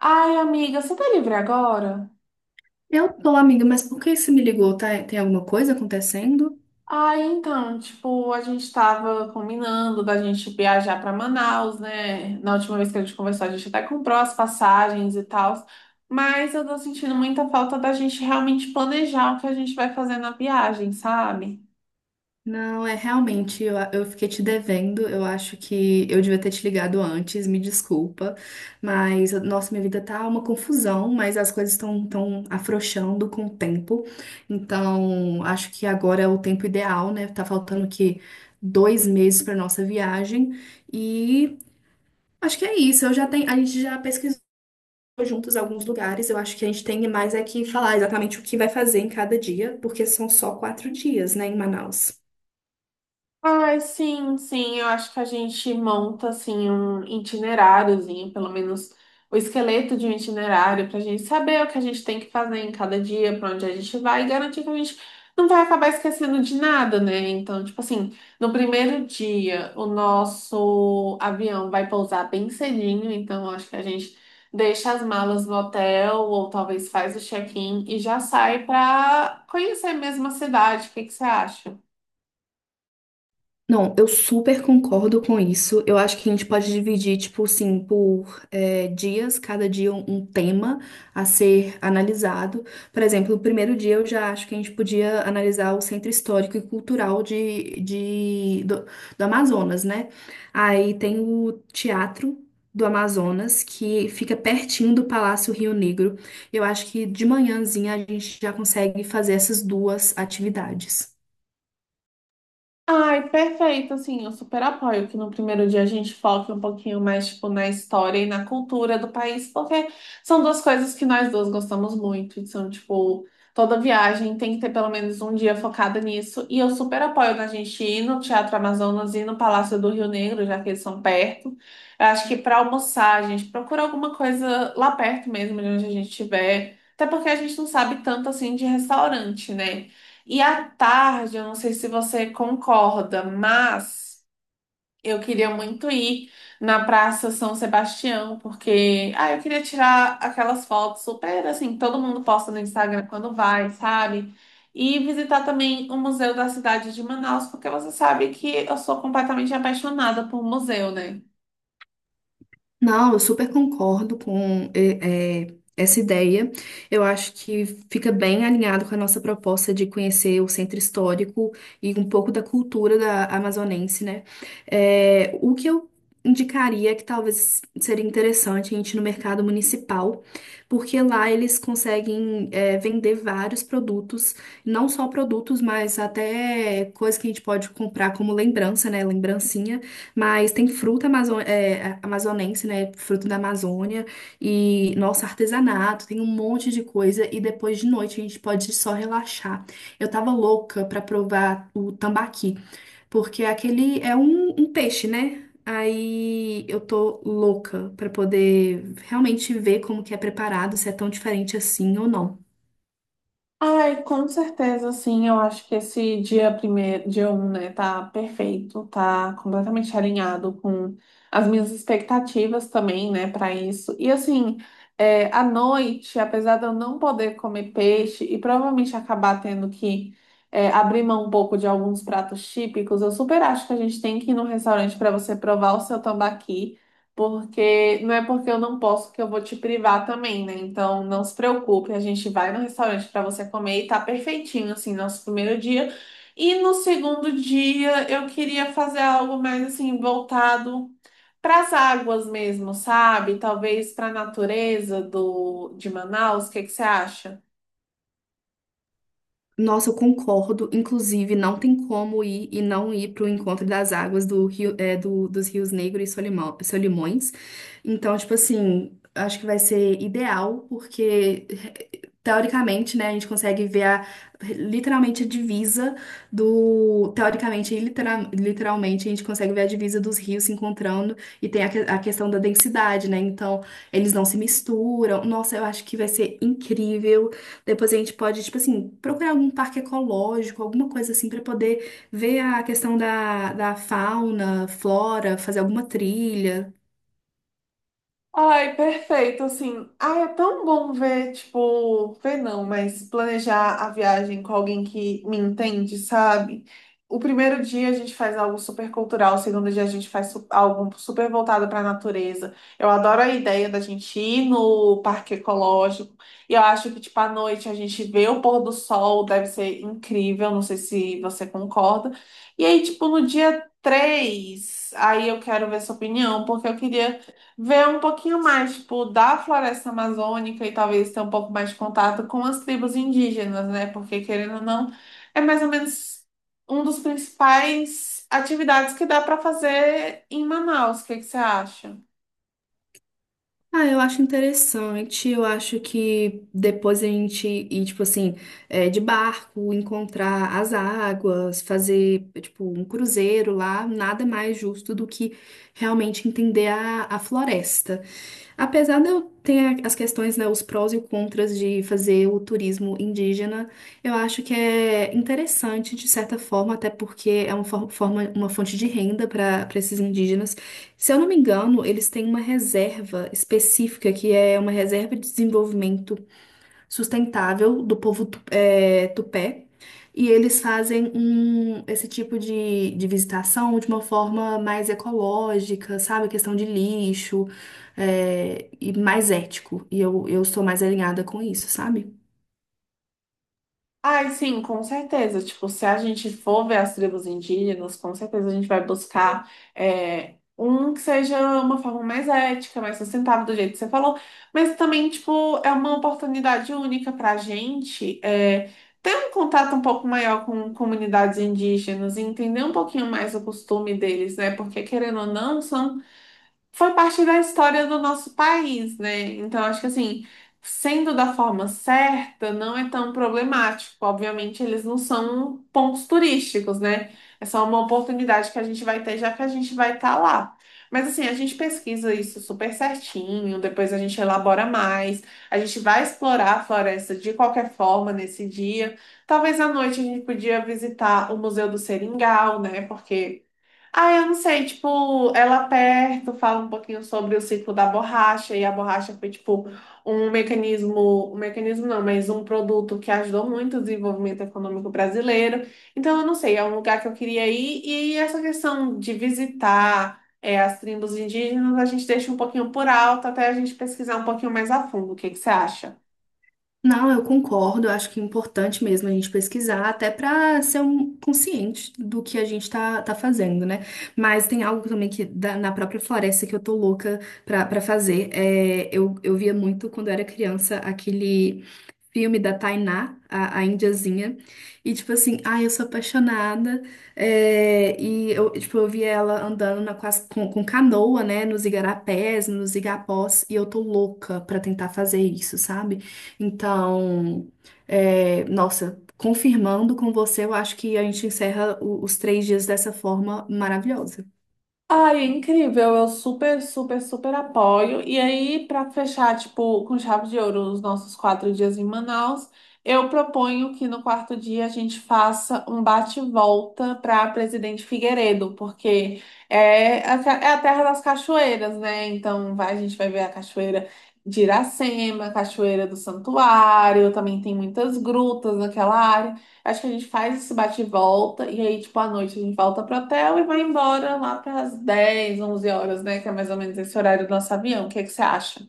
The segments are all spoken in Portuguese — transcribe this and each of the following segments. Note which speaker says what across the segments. Speaker 1: Ai, amiga, você tá livre agora?
Speaker 2: Eu tô, amiga, mas por que você me ligou? Tá, tem alguma coisa acontecendo?
Speaker 1: Ai, então, tipo, a gente tava combinando da gente viajar pra Manaus, né? Na última vez que a gente conversou, a gente até comprou as passagens e tal, mas eu tô sentindo muita falta da gente realmente planejar o que a gente vai fazer na viagem, sabe?
Speaker 2: Não, é realmente, eu fiquei te devendo. Eu acho que eu devia ter te ligado antes, me desculpa. Mas, nossa, minha vida tá uma confusão, mas as coisas estão tão tão afrouxando com o tempo. Então, acho que agora é o tempo ideal, né? Tá faltando que 2 meses pra nossa viagem. E acho que é isso. Eu já tenho, a gente já pesquisou juntos alguns lugares. Eu acho que a gente tem mais é que falar exatamente o que vai fazer em cada dia, porque são só 4 dias, né, em Manaus.
Speaker 1: Ai, sim, sim, eu acho que a gente monta assim um itineráriozinho, pelo menos o esqueleto de um itinerário, para a gente saber o que a gente tem que fazer em cada dia, para onde a gente vai, e garantir que a gente não vai acabar esquecendo de nada, né? Então, tipo assim, no primeiro dia, o nosso avião vai pousar bem cedinho, então eu acho que a gente deixa as malas no hotel, ou talvez faz o check-in e já sai para conhecer mesmo a cidade. O que que você acha?
Speaker 2: Não, eu super concordo com isso. Eu acho que a gente pode dividir, tipo assim, por dias, cada dia um tema a ser analisado. Por exemplo, o primeiro dia eu já acho que a gente podia analisar o centro histórico e cultural do Amazonas, né? Aí tem o Teatro do Amazonas, que fica pertinho do Palácio Rio Negro. Eu acho que de manhãzinha a gente já consegue fazer essas duas atividades.
Speaker 1: Ai, perfeito, assim, eu super apoio que no primeiro dia a gente foque um pouquinho mais, tipo, na história e na cultura do país, porque são duas coisas que nós duas gostamos muito, e são, tipo, toda viagem tem que ter pelo menos um dia focado nisso, e eu super apoio na gente ir no Teatro Amazonas e no Palácio do Rio Negro, já que eles são perto. Eu acho que para almoçar, a gente procura alguma coisa lá perto mesmo, de onde a gente estiver, até porque a gente não sabe tanto, assim, de restaurante, né? E à tarde, eu não sei se você concorda, mas eu queria muito ir na Praça São Sebastião, porque ah, eu queria tirar aquelas fotos super assim, que todo mundo posta no Instagram quando vai, sabe? E visitar também o Museu da Cidade de Manaus, porque você sabe que eu sou completamente apaixonada por museu, né?
Speaker 2: Não, eu super concordo com essa ideia. Eu acho que fica bem alinhado com a nossa proposta de conhecer o centro histórico e um pouco da cultura da amazonense, né? É, o que eu indicaria que talvez seria interessante a gente ir no mercado municipal, porque lá eles conseguem é, vender vários produtos, não só produtos, mas até coisas que a gente pode comprar como lembrança, né? Lembrancinha. Mas tem fruta amazonense, né? Fruto da Amazônia. E nosso artesanato, tem um monte de coisa. E depois de noite a gente pode só relaxar. Eu tava louca pra provar o tambaqui, porque aquele é um peixe, né? Aí eu tô louca pra poder realmente ver como que é preparado, se é tão diferente assim ou não.
Speaker 1: Ai, com certeza, sim. Eu acho que esse dia primeiro, dia 1 né, tá perfeito, tá completamente alinhado com as minhas expectativas também, né, para isso. E assim, à noite, apesar de eu não poder comer peixe e provavelmente acabar tendo que abrir mão um pouco de alguns pratos típicos, eu super acho que a gente tem que ir num restaurante para você provar o seu tambaqui, porque não é porque eu não posso que eu vou te privar também, né? Então não se preocupe, a gente vai no restaurante para você comer e tá perfeitinho assim nosso primeiro dia. E no segundo dia eu queria fazer algo mais assim voltado para as águas mesmo, sabe? Talvez para a natureza do de Manaus, o que que você acha?
Speaker 2: Nossa, eu concordo. Inclusive, não tem como ir e não ir para o encontro das águas do rio, é, do, dos rios Negro e Solimões. Então, tipo assim, acho que vai ser ideal, porque teoricamente, né, a gente consegue ver literalmente a divisa do. Teoricamente e literalmente, a gente consegue ver a divisa dos rios se encontrando e tem a questão da densidade, né? Então, eles não se misturam. Nossa, eu acho que vai ser incrível. Depois a gente pode, tipo assim, procurar algum parque ecológico, alguma coisa assim, para poder ver a questão da fauna, flora, fazer alguma trilha.
Speaker 1: Ai, perfeito, assim. Ai, é tão bom ver, tipo, ver não, mas planejar a viagem com alguém que me entende, sabe? O primeiro dia a gente faz algo super cultural, o segundo dia a gente faz algo super voltado para a natureza. Eu adoro a ideia da gente ir no parque ecológico e eu acho que, tipo, à noite a gente vê o pôr do sol, deve ser incrível, não sei se você concorda. E aí, tipo, no dia 3 aí eu quero ver sua opinião, porque eu queria ver um pouquinho mais, tipo, da floresta amazônica e talvez ter um pouco mais de contato com as tribos indígenas, né? Porque, querendo ou não, é mais ou menos um dos principais atividades que dá para fazer em Manaus. O que que você acha?
Speaker 2: Ah, eu acho interessante. Eu acho que depois a gente ir, tipo assim, é, de barco, encontrar as águas, fazer, tipo, um cruzeiro lá, nada mais justo do que realmente entender a floresta. Apesar de eu ter as questões, né, os prós e os contras de fazer o turismo indígena, eu acho que é interessante, de certa forma, até porque é uma forma, uma fonte de renda para esses indígenas. Se eu não me engano, eles têm uma reserva específica, que é uma reserva de desenvolvimento sustentável do povo tupé. E eles fazem um, esse tipo de visitação de uma forma mais ecológica, sabe? Questão de lixo, é, e mais ético. E eu sou mais alinhada com isso, sabe?
Speaker 1: Ai, sim, com certeza. Tipo, se a gente for ver as tribos indígenas, com certeza a gente vai buscar um que seja uma forma mais ética, mais sustentável, do jeito que você falou. Mas também, tipo, é uma oportunidade única para a gente ter um contato um pouco maior com comunidades indígenas, e entender um pouquinho mais o costume deles, né? Porque, querendo ou não, são foi parte da história do nosso país, né? Então, acho que assim, sendo da forma certa, não é tão problemático. Obviamente, eles não são pontos turísticos, né? É só uma oportunidade que a gente vai ter, já que a gente vai estar lá. Mas assim, a gente pesquisa isso super certinho, depois a gente elabora mais, a gente vai explorar a floresta de qualquer forma nesse dia. Talvez à noite a gente podia visitar o Museu do Seringal, né? Porque ah, eu não sei, tipo, ela aperta, fala um pouquinho sobre o ciclo da borracha, e a borracha foi, tipo, um mecanismo não, mas um produto que ajudou muito o desenvolvimento econômico brasileiro. Então, eu não sei, é um lugar que eu queria ir, e essa questão de visitar as tribos indígenas, a gente deixa um pouquinho por alto até a gente pesquisar um pouquinho mais a fundo. O que que você acha?
Speaker 2: Não, eu concordo. Eu acho que é importante mesmo a gente pesquisar, até para ser um consciente do que a gente está tá tá fazendo, né? Mas tem algo também que na própria floresta que eu tô louca pra fazer. É, eu via muito quando eu era criança aquele filme da Tainá, a indiazinha, e tipo assim, ai, eu sou apaixonada. É, e eu, tipo, eu via ela andando na, com, as- com canoa, né, nos igarapés, nos igapós, e eu tô louca pra tentar fazer isso, sabe? Então, é, nossa, confirmando com você, eu acho que a gente encerra os 3 dias dessa forma maravilhosa.
Speaker 1: Ai, incrível, eu super, super, super apoio. E aí, para fechar, tipo, com chave de ouro os nossos 4 dias em Manaus, eu proponho que no quarto dia a gente faça um bate-volta para Presidente Figueiredo, porque é a terra das cachoeiras, né? Então, vai, a gente vai ver a cachoeira de Iracema, a cachoeira do Santuário, também tem muitas grutas naquela área. Acho que a gente faz esse bate e volta, e aí, tipo, à noite a gente volta pro hotel e vai embora lá para as 10, 11 horas, né? Que é mais ou menos esse horário do nosso avião. O que é que você acha?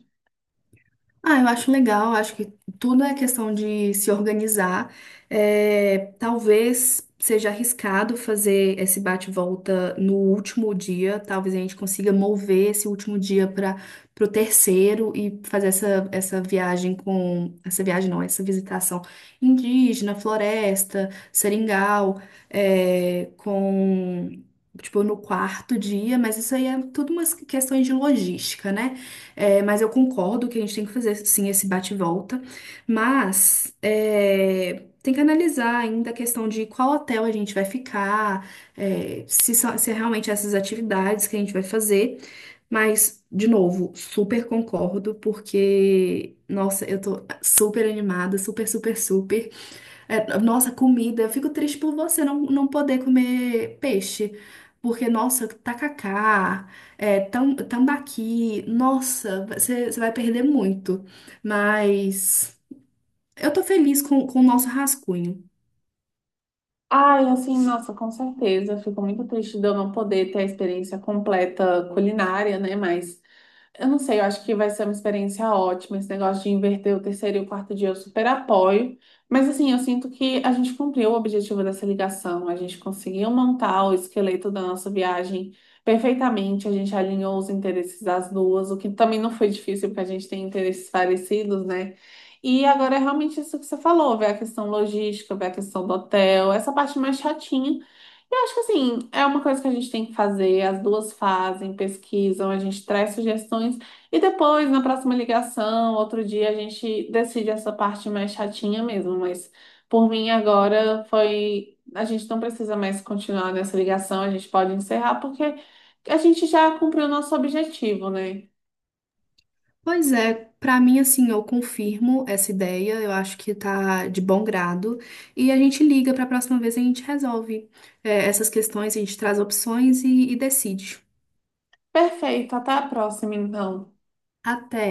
Speaker 2: Ah, eu acho legal, acho que tudo é questão de se organizar. É, talvez seja arriscado fazer esse bate-volta no último dia, talvez a gente consiga mover esse último dia para o terceiro e fazer essa viagem com. Essa viagem não, essa visitação indígena, floresta, seringal, é, com. Tipo, no quarto dia, mas isso aí é tudo umas questões de logística, né? É, mas eu concordo que a gente tem que fazer sim esse bate-volta, mas é, tem que analisar ainda a questão de qual hotel a gente vai ficar, é, se, se é realmente essas atividades que a gente vai fazer. Mas, de novo, super concordo, porque, nossa, eu tô super animada, super, super, super. É, nossa, comida. Eu fico triste por você não poder comer peixe. Porque, nossa, tacacá, é, tambaqui, nossa, você vai perder muito. Mas eu tô feliz com o nosso rascunho.
Speaker 1: Ai, assim, nossa, com certeza. Eu fico muito triste de eu não poder ter a experiência completa culinária, né? Mas eu não sei, eu acho que vai ser uma experiência ótima. Esse negócio de inverter o terceiro e o quarto dia, eu super apoio. Mas assim, eu sinto que a gente cumpriu o objetivo dessa ligação. A gente conseguiu montar o esqueleto da nossa viagem perfeitamente. A gente alinhou os interesses das duas, o que também não foi difícil, porque a gente tem interesses parecidos, né? E agora é realmente isso que você falou, ver a questão logística, ver a questão do hotel, essa parte mais chatinha. Eu acho que assim, é uma coisa que a gente tem que fazer, as duas fazem, pesquisam, a gente traz sugestões e depois, na próxima ligação, outro dia, a gente decide essa parte mais chatinha mesmo. Mas por mim agora foi. A gente não precisa mais continuar nessa ligação, a gente pode encerrar, porque a gente já cumpriu o nosso objetivo, né?
Speaker 2: Pois é, pra mim, assim, eu confirmo essa ideia. Eu acho que tá de bom grado. E a gente liga pra próxima vez e a gente resolve, é, essas questões, a gente traz opções e decide.
Speaker 1: Perfeito, até a próxima, então.
Speaker 2: Até.